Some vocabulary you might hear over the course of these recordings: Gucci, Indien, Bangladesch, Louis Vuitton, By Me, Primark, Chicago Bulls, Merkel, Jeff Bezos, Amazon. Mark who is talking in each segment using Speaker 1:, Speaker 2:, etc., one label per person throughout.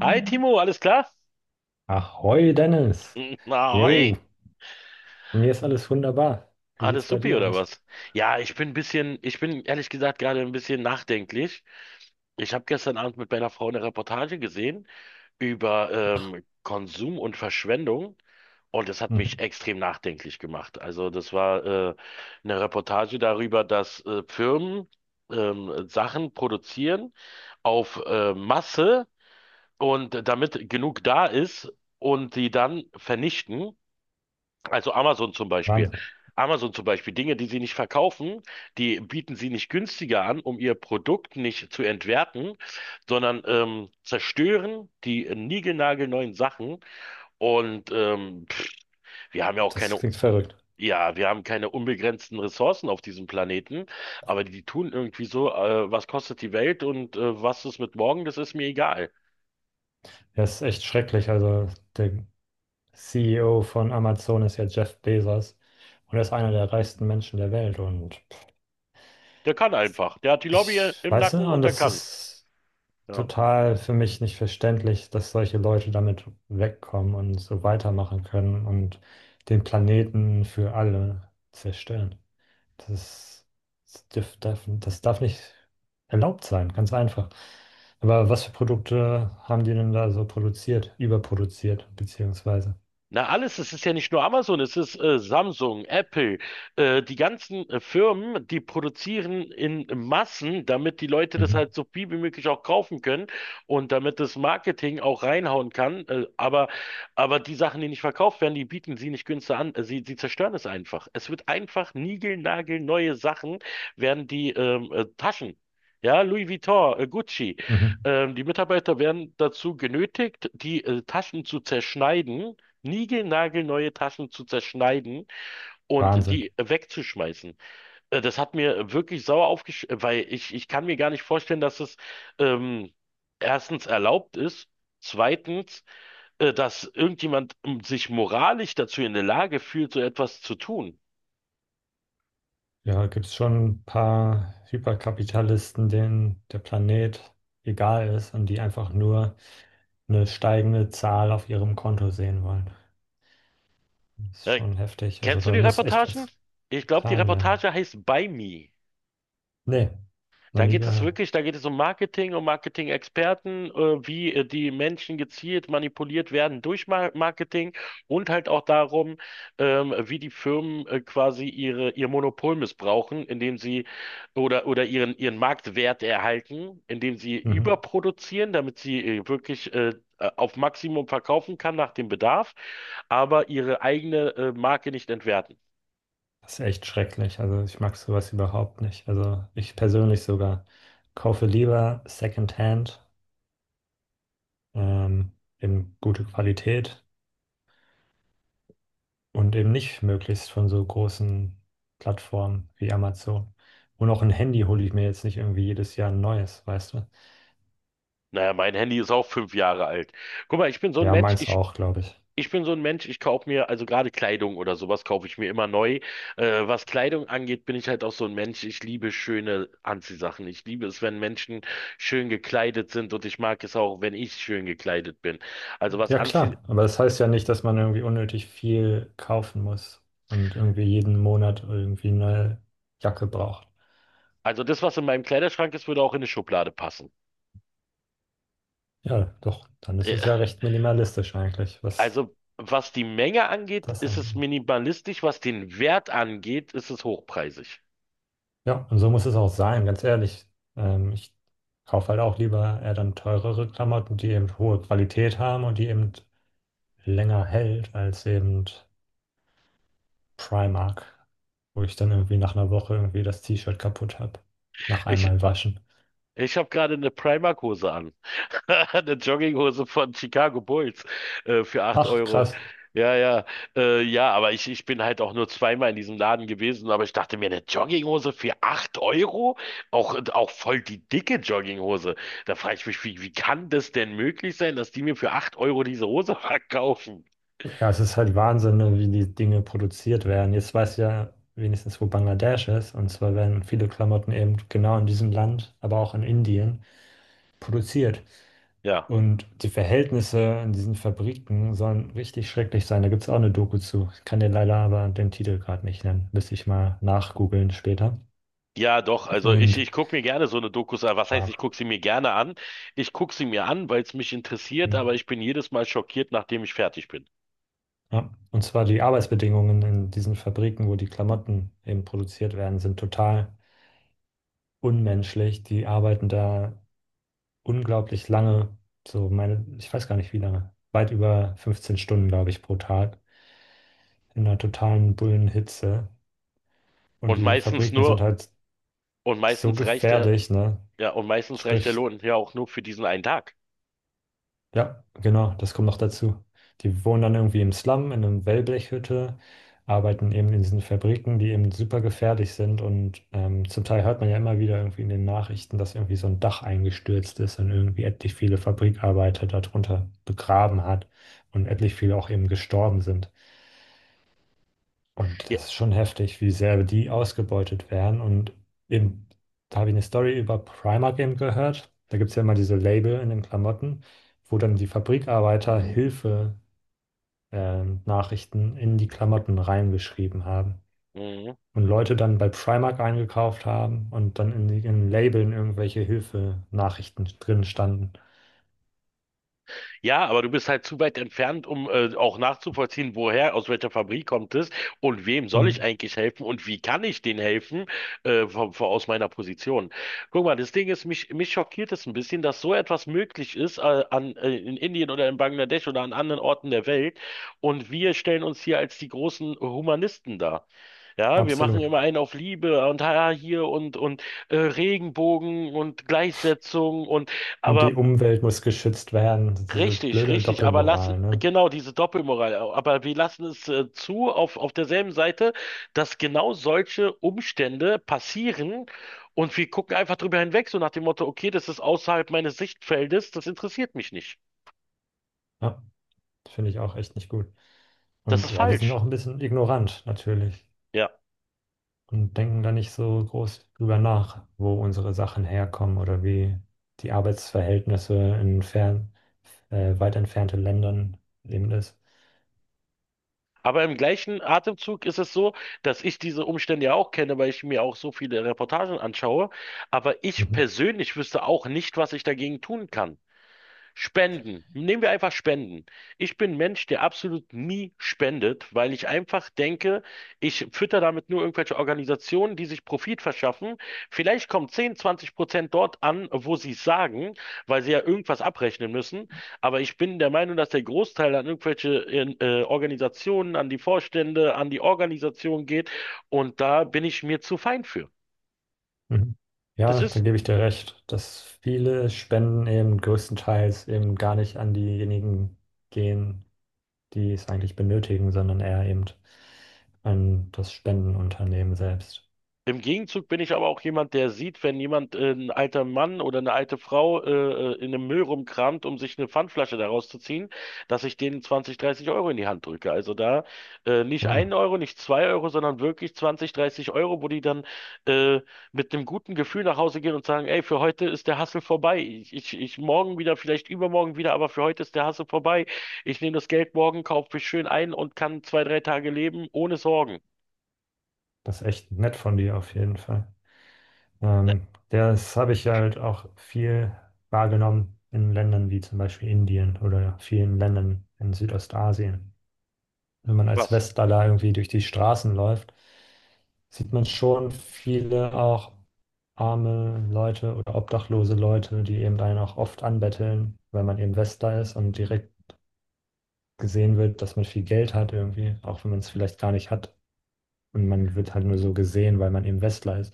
Speaker 1: Hi Timo, alles klar?
Speaker 2: Ahoi, Dennis. Jo,
Speaker 1: Ahoi.
Speaker 2: mir ist alles wunderbar. Wie sieht's
Speaker 1: Alles
Speaker 2: bei
Speaker 1: supi
Speaker 2: dir
Speaker 1: oder
Speaker 2: aus?
Speaker 1: was? Ja, ich bin ein bisschen, ich bin ehrlich gesagt gerade ein bisschen nachdenklich. Ich habe gestern Abend mit meiner Frau eine Reportage gesehen über Konsum und Verschwendung und das hat mich
Speaker 2: Mhm.
Speaker 1: extrem nachdenklich gemacht. Also das war äh, eine Reportage darüber, dass Firmen Sachen produzieren auf Masse und damit genug da ist und die dann vernichten. Also Amazon zum Beispiel.
Speaker 2: Wahnsinn.
Speaker 1: Amazon zum Beispiel, Dinge, die sie nicht verkaufen, die bieten sie nicht günstiger an, um ihr Produkt nicht zu entwerten, sondern zerstören die niegelnagelneuen Sachen. Und wir haben ja auch
Speaker 2: Das
Speaker 1: keine,
Speaker 2: klingt verrückt.
Speaker 1: ja, wir haben keine unbegrenzten Ressourcen auf diesem Planeten, aber die tun irgendwie so, was kostet die Welt und was ist mit morgen, das ist mir egal.
Speaker 2: Ja, ist echt schrecklich. Also, der CEO von Amazon ist ja Jeff Bezos und er ist einer der reichsten Menschen der Welt. Und
Speaker 1: Der kann einfach. Der hat die Lobby
Speaker 2: ich
Speaker 1: im
Speaker 2: weiß nicht,
Speaker 1: Nacken
Speaker 2: und
Speaker 1: und der
Speaker 2: das
Speaker 1: kann.
Speaker 2: ist
Speaker 1: Ja.
Speaker 2: total für mich nicht verständlich, dass solche Leute damit wegkommen und so weitermachen können und den Planeten für alle zerstören. Das, das darf nicht erlaubt sein, ganz einfach. Aber was für Produkte haben die denn da so produziert, überproduziert, beziehungsweise?
Speaker 1: Na alles, es ist ja nicht nur Amazon, es ist Samsung, Apple, die ganzen Firmen, die produzieren in Massen, damit die Leute das
Speaker 2: Mhm.
Speaker 1: halt so viel wie möglich auch kaufen können und damit das Marketing auch reinhauen kann. Aber die Sachen, die nicht verkauft werden, die bieten sie nicht günstig an. Sie zerstören es einfach. Es wird einfach niegelnagelneue Sachen werden die Taschen. Ja, Louis Vuitton, Gucci.
Speaker 2: Mhm.
Speaker 1: Die Mitarbeiter werden dazu genötigt, die Taschen zu zerschneiden, niegelnagelneue Taschen zu zerschneiden und
Speaker 2: Wahnsinn.
Speaker 1: die wegzuschmeißen. Das hat mir wirklich sauer aufgesch, weil ich kann mir gar nicht vorstellen, dass es ähm, erstens erlaubt ist, zweitens, dass irgendjemand sich moralisch dazu in der Lage fühlt, so etwas zu tun.
Speaker 2: Ja, gibt es schon ein paar Hyperkapitalisten, denen der Planet egal ist und die einfach nur eine steigende Zahl auf ihrem Konto sehen wollen. Das ist
Speaker 1: Äh,
Speaker 2: schon heftig. Also
Speaker 1: Kennst du
Speaker 2: da
Speaker 1: die
Speaker 2: muss echt
Speaker 1: Reportagen?
Speaker 2: was
Speaker 1: Ich glaube, die
Speaker 2: getan werden.
Speaker 1: Reportage heißt By Me.
Speaker 2: Nee, noch
Speaker 1: Da
Speaker 2: nie
Speaker 1: geht es
Speaker 2: gehört.
Speaker 1: wirklich, da geht es um Marketing, um Marketing-Experten, wie die Menschen gezielt manipuliert werden durch Marketing und halt auch darum, wie die Firmen quasi ihr Monopol missbrauchen, indem sie oder ihren Marktwert erhalten, indem sie
Speaker 2: Mhm.
Speaker 1: überproduzieren, damit sie wirklich auf Maximum verkaufen kann nach dem Bedarf, aber ihre eigene Marke nicht entwerten.
Speaker 2: Das ist echt schrecklich. Also ich mag sowas überhaupt nicht. Also ich persönlich sogar kaufe lieber Secondhand, ähm, eben gute Qualität und eben nicht möglichst von so großen Plattformen wie Amazon. Und auch ein Handy hole ich mir jetzt nicht irgendwie jedes Jahr ein neues, weißt du?
Speaker 1: Naja, mein Handy ist auch 5 Jahre alt. Guck mal, ich bin so ein
Speaker 2: Ja,
Speaker 1: Mensch,
Speaker 2: meins
Speaker 1: ich,
Speaker 2: auch, glaube ich.
Speaker 1: Ich bin so ein Mensch, ich kaufe mir, also gerade Kleidung oder sowas kaufe ich mir immer neu. Was Kleidung angeht, bin ich halt auch so ein Mensch, ich liebe schöne Anziehsachen. Ich liebe es, wenn Menschen schön gekleidet sind und ich mag es auch, wenn ich schön gekleidet bin. Also was
Speaker 2: Ja,
Speaker 1: anzie
Speaker 2: klar. Aber das heißt ja nicht, dass man irgendwie unnötig viel kaufen muss und irgendwie jeden Monat irgendwie eine neue Jacke braucht.
Speaker 1: also das, was in meinem Kleiderschrank ist, würde auch in eine Schublade passen.
Speaker 2: Ja, doch, dann ist
Speaker 1: Äh,
Speaker 2: es ja recht minimalistisch eigentlich, was
Speaker 1: also was die Menge angeht,
Speaker 2: das
Speaker 1: ist es
Speaker 2: angeht.
Speaker 1: minimalistisch, was den Wert angeht, ist es hochpreisig.
Speaker 2: Ja, und so muss es auch sein, ganz ehrlich. Ich kaufe halt auch lieber eher dann teurere Klamotten, die eben hohe Qualität haben und die eben länger hält als eben Primark, wo ich dann irgendwie nach einer Woche irgendwie das T-Shirt kaputt habe. Nach
Speaker 1: Ich,
Speaker 2: einmal waschen.
Speaker 1: ich habe gerade eine Primark-Hose an. Eine Jogginghose von Chicago Bulls für acht
Speaker 2: Ach,
Speaker 1: Euro.
Speaker 2: krass.
Speaker 1: Ja, ja, ja, aber ich bin halt auch nur zweimal in diesem Laden gewesen, aber ich dachte mir, eine Jogginghose für 8 Euro? Auch, auch voll die dicke Jogginghose. Da frage ich mich, wie kann das denn möglich sein, dass die mir für 8 Euro diese Hose verkaufen?
Speaker 2: Ja, es ist halt Wahnsinn, ne, wie die Dinge produziert werden. Jetzt weiß ich ja wenigstens, wo Bangladesch ist. Und zwar werden viele Klamotten eben genau in diesem Land, aber auch in Indien produziert.
Speaker 1: Ja.
Speaker 2: Und die Verhältnisse in diesen Fabriken sollen richtig schrecklich sein. Da gibt es auch eine Doku zu. Ich kann dir leider aber den Titel gerade nicht nennen. Müsste ich mal nachgoogeln später.
Speaker 1: Ja, doch, also
Speaker 2: Und,
Speaker 1: ich gucke mir gerne so eine Dokus an. Was heißt,
Speaker 2: wow.
Speaker 1: ich gucke sie mir gerne an? Ich gucke sie mir an, weil es mich interessiert,
Speaker 2: Hm.
Speaker 1: aber ich bin jedes Mal schockiert, nachdem ich fertig bin.
Speaker 2: Ja. Und zwar die Arbeitsbedingungen in diesen Fabriken, wo die Klamotten eben produziert werden, sind total unmenschlich. Die arbeiten da unglaublich lange, so meine, ich weiß gar nicht wie lange, weit über 15 Stunden, glaube ich, pro Tag, in einer totalen Bullenhitze. Und
Speaker 1: Und
Speaker 2: die
Speaker 1: meistens
Speaker 2: Fabriken sind
Speaker 1: nur,
Speaker 2: halt
Speaker 1: Und
Speaker 2: so
Speaker 1: meistens reicht der,
Speaker 2: gefährlich, ne?
Speaker 1: ja, und meistens reicht der
Speaker 2: Sprich,
Speaker 1: Lohn ja auch nur für diesen einen Tag.
Speaker 2: ja, genau, das kommt noch dazu. Die wohnen dann irgendwie im Slum, in einer Wellblechhütte, arbeiten eben in diesen Fabriken, die eben super gefährlich sind. Und zum Teil hört man ja immer wieder irgendwie in den Nachrichten, dass irgendwie so ein Dach eingestürzt ist und irgendwie etlich viele Fabrikarbeiter darunter begraben hat und etlich viele auch eben gestorben sind. Und
Speaker 1: Ja.
Speaker 2: das ist schon heftig, wie sehr die ausgebeutet werden. Und eben, da habe ich eine Story über Primark eben gehört. Da gibt es ja immer diese Label in den Klamotten, wo dann die Fabrikarbeiter Hilfe, Nachrichten in die Klamotten reingeschrieben haben.
Speaker 1: Mhm.
Speaker 2: Und Leute dann bei Primark eingekauft haben und dann in den Labeln irgendwelche Hilfe-Nachrichten drin standen.
Speaker 1: Ja, aber du bist halt zu weit entfernt, um auch nachzuvollziehen, woher, aus welcher Fabrik kommt es und wem soll ich
Speaker 2: Hm,
Speaker 1: eigentlich helfen und wie kann ich denen helfen aus meiner Position. Guck mal, das Ding ist, mich schockiert es ein bisschen, dass so etwas möglich ist in Indien oder in Bangladesch oder an anderen Orten der Welt und wir stellen uns hier als die großen Humanisten dar. Ja, wir machen
Speaker 2: absolut.
Speaker 1: immer einen auf Liebe und hier und Regenbogen und Gleichsetzung und
Speaker 2: Und
Speaker 1: aber
Speaker 2: die Umwelt muss geschützt werden. Diese
Speaker 1: richtig,
Speaker 2: blöde
Speaker 1: richtig,
Speaker 2: Doppelmoral, ne?
Speaker 1: genau diese Doppelmoral, aber wir lassen es zu auf derselben Seite, dass genau solche Umstände passieren und wir gucken einfach drüber hinweg, so nach dem Motto, okay, das ist außerhalb meines Sichtfeldes, das interessiert mich nicht.
Speaker 2: Ja, finde ich auch echt nicht gut.
Speaker 1: Das
Speaker 2: Und
Speaker 1: ist
Speaker 2: ja, wir sind
Speaker 1: falsch.
Speaker 2: auch ein bisschen ignorant natürlich
Speaker 1: Ja.
Speaker 2: und denken da nicht so groß drüber nach, wo unsere Sachen herkommen oder wie die Arbeitsverhältnisse in weit entfernten Ländern eben ist.
Speaker 1: Aber im gleichen Atemzug ist es so, dass ich diese Umstände ja auch kenne, weil ich mir auch so viele Reportagen anschaue. Aber ich
Speaker 2: Mhm.
Speaker 1: persönlich wüsste auch nicht, was ich dagegen tun kann. Spenden. Nehmen wir einfach Spenden. Ich bin ein Mensch, der absolut nie spendet, weil ich einfach denke, ich fütter damit nur irgendwelche Organisationen, die sich Profit verschaffen. Vielleicht kommen 10, 20% dort an, wo sie es sagen, weil sie ja irgendwas abrechnen müssen. Aber ich bin der Meinung, dass der Großteil an irgendwelche Organisationen, an die Vorstände, an die Organisation geht. Und da bin ich mir zu fein für.
Speaker 2: Mhm.
Speaker 1: Das
Speaker 2: Ja, da
Speaker 1: ist
Speaker 2: gebe ich dir recht, dass viele Spenden eben größtenteils eben gar nicht an diejenigen gehen, die es eigentlich benötigen, sondern eher eben an das Spendenunternehmen selbst.
Speaker 1: im Gegenzug bin ich aber auch jemand, der sieht, wenn ein alter Mann oder eine alte in einem Müll rumkramt, um sich eine Pfandflasche daraus zu ziehen, dass ich denen 20, 30 Euro in die Hand drücke. Nicht einen
Speaker 2: Wow,
Speaker 1: Euro, nicht zwei Euro, sondern wirklich 20, 30 Euro, wo die äh, mit einem guten Gefühl nach Hause gehen und sagen, ey, für heute ist der Hassel vorbei. Ich morgen wieder, vielleicht übermorgen wieder, aber für heute ist der Hassel vorbei. Ich nehme das Geld morgen, kaufe mich schön ein und kann zwei, drei Tage leben ohne Sorgen.
Speaker 2: das ist echt nett von dir auf jeden Fall.
Speaker 1: Ne,
Speaker 2: Das habe ich halt auch viel wahrgenommen in Ländern wie zum Beispiel Indien oder vielen Ländern in Südostasien. Wenn man als
Speaker 1: was?
Speaker 2: Westler irgendwie durch die Straßen läuft, sieht man schon viele auch arme Leute oder obdachlose Leute, die eben einen auch oft anbetteln, weil man eben Westler ist und direkt gesehen wird, dass man viel Geld hat irgendwie, auch wenn man es vielleicht gar nicht hat. Und man wird halt nur so gesehen, weil man eben Westler ist.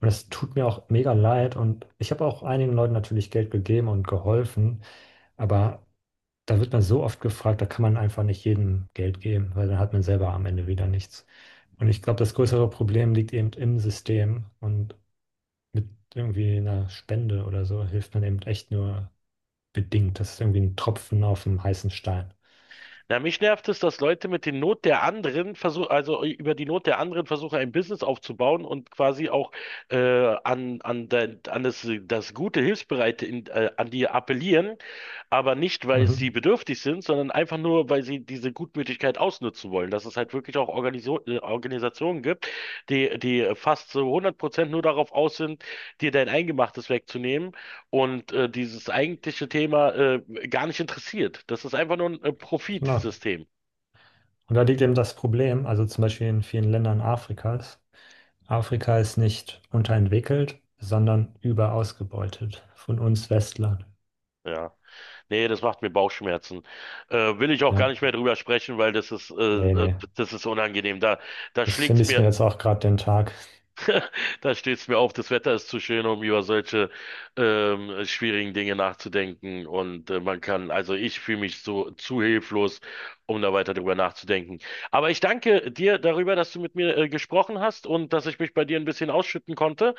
Speaker 2: Und das tut mir auch mega leid. Und ich habe auch einigen Leuten natürlich Geld gegeben und geholfen. Aber da wird man so oft gefragt, da kann man einfach nicht jedem Geld geben, weil dann hat man selber am Ende wieder nichts. Und ich glaube, das größere Problem liegt eben im System. Und mit irgendwie einer Spende oder so hilft man eben echt nur bedingt. Das ist irgendwie ein Tropfen auf dem heißen Stein.
Speaker 1: Na, mich nervt es, dass Leute mit den Not der anderen versuchen, also über die Not der anderen versuchen, ein Business aufzubauen und quasi auch äh, an das gute, Hilfsbereite an die appellieren, aber nicht, weil sie
Speaker 2: Mhm,
Speaker 1: bedürftig sind, sondern einfach nur, weil sie diese Gutmütigkeit ausnutzen wollen. Dass es halt wirklich auch Organiso Organisationen gibt, die fast so 100% nur darauf aus sind, dir dein Eingemachtes wegzunehmen und dieses eigentliche Thema gar nicht interessiert. Das ist einfach nur ein
Speaker 2: genau.
Speaker 1: Profitsystem.
Speaker 2: Und da liegt eben das Problem, also zum Beispiel in vielen Ländern Afrikas, Afrika ist nicht unterentwickelt, sondern überausgebeutet von uns Westlern.
Speaker 1: Ja, nee, das macht mir Bauchschmerzen. Will ich auch
Speaker 2: Ja,
Speaker 1: gar nicht mehr drüber sprechen, weil das
Speaker 2: nee, nee.
Speaker 1: das ist unangenehm. Da
Speaker 2: Das
Speaker 1: schlägt's
Speaker 2: vermisst mir
Speaker 1: mir,
Speaker 2: jetzt auch gerade den Tag.
Speaker 1: da steht's mir auf. Das Wetter ist zu schön, um über solche schwierigen Dinge nachzudenken. Und also ich fühle mich so zu hilflos, um da weiter drüber nachzudenken. Aber ich danke dir darüber, dass du mit mir gesprochen hast und dass ich mich bei dir ein bisschen ausschütten konnte.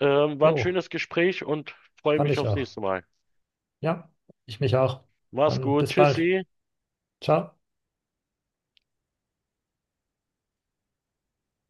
Speaker 1: War ein
Speaker 2: Jo,
Speaker 1: schönes Gespräch und freue
Speaker 2: fand
Speaker 1: mich
Speaker 2: ich
Speaker 1: aufs
Speaker 2: auch.
Speaker 1: nächste Mal.
Speaker 2: Ja, ich mich auch.
Speaker 1: Mach's
Speaker 2: Dann
Speaker 1: gut.
Speaker 2: bis bald.
Speaker 1: Tschüssi.
Speaker 2: Ciao.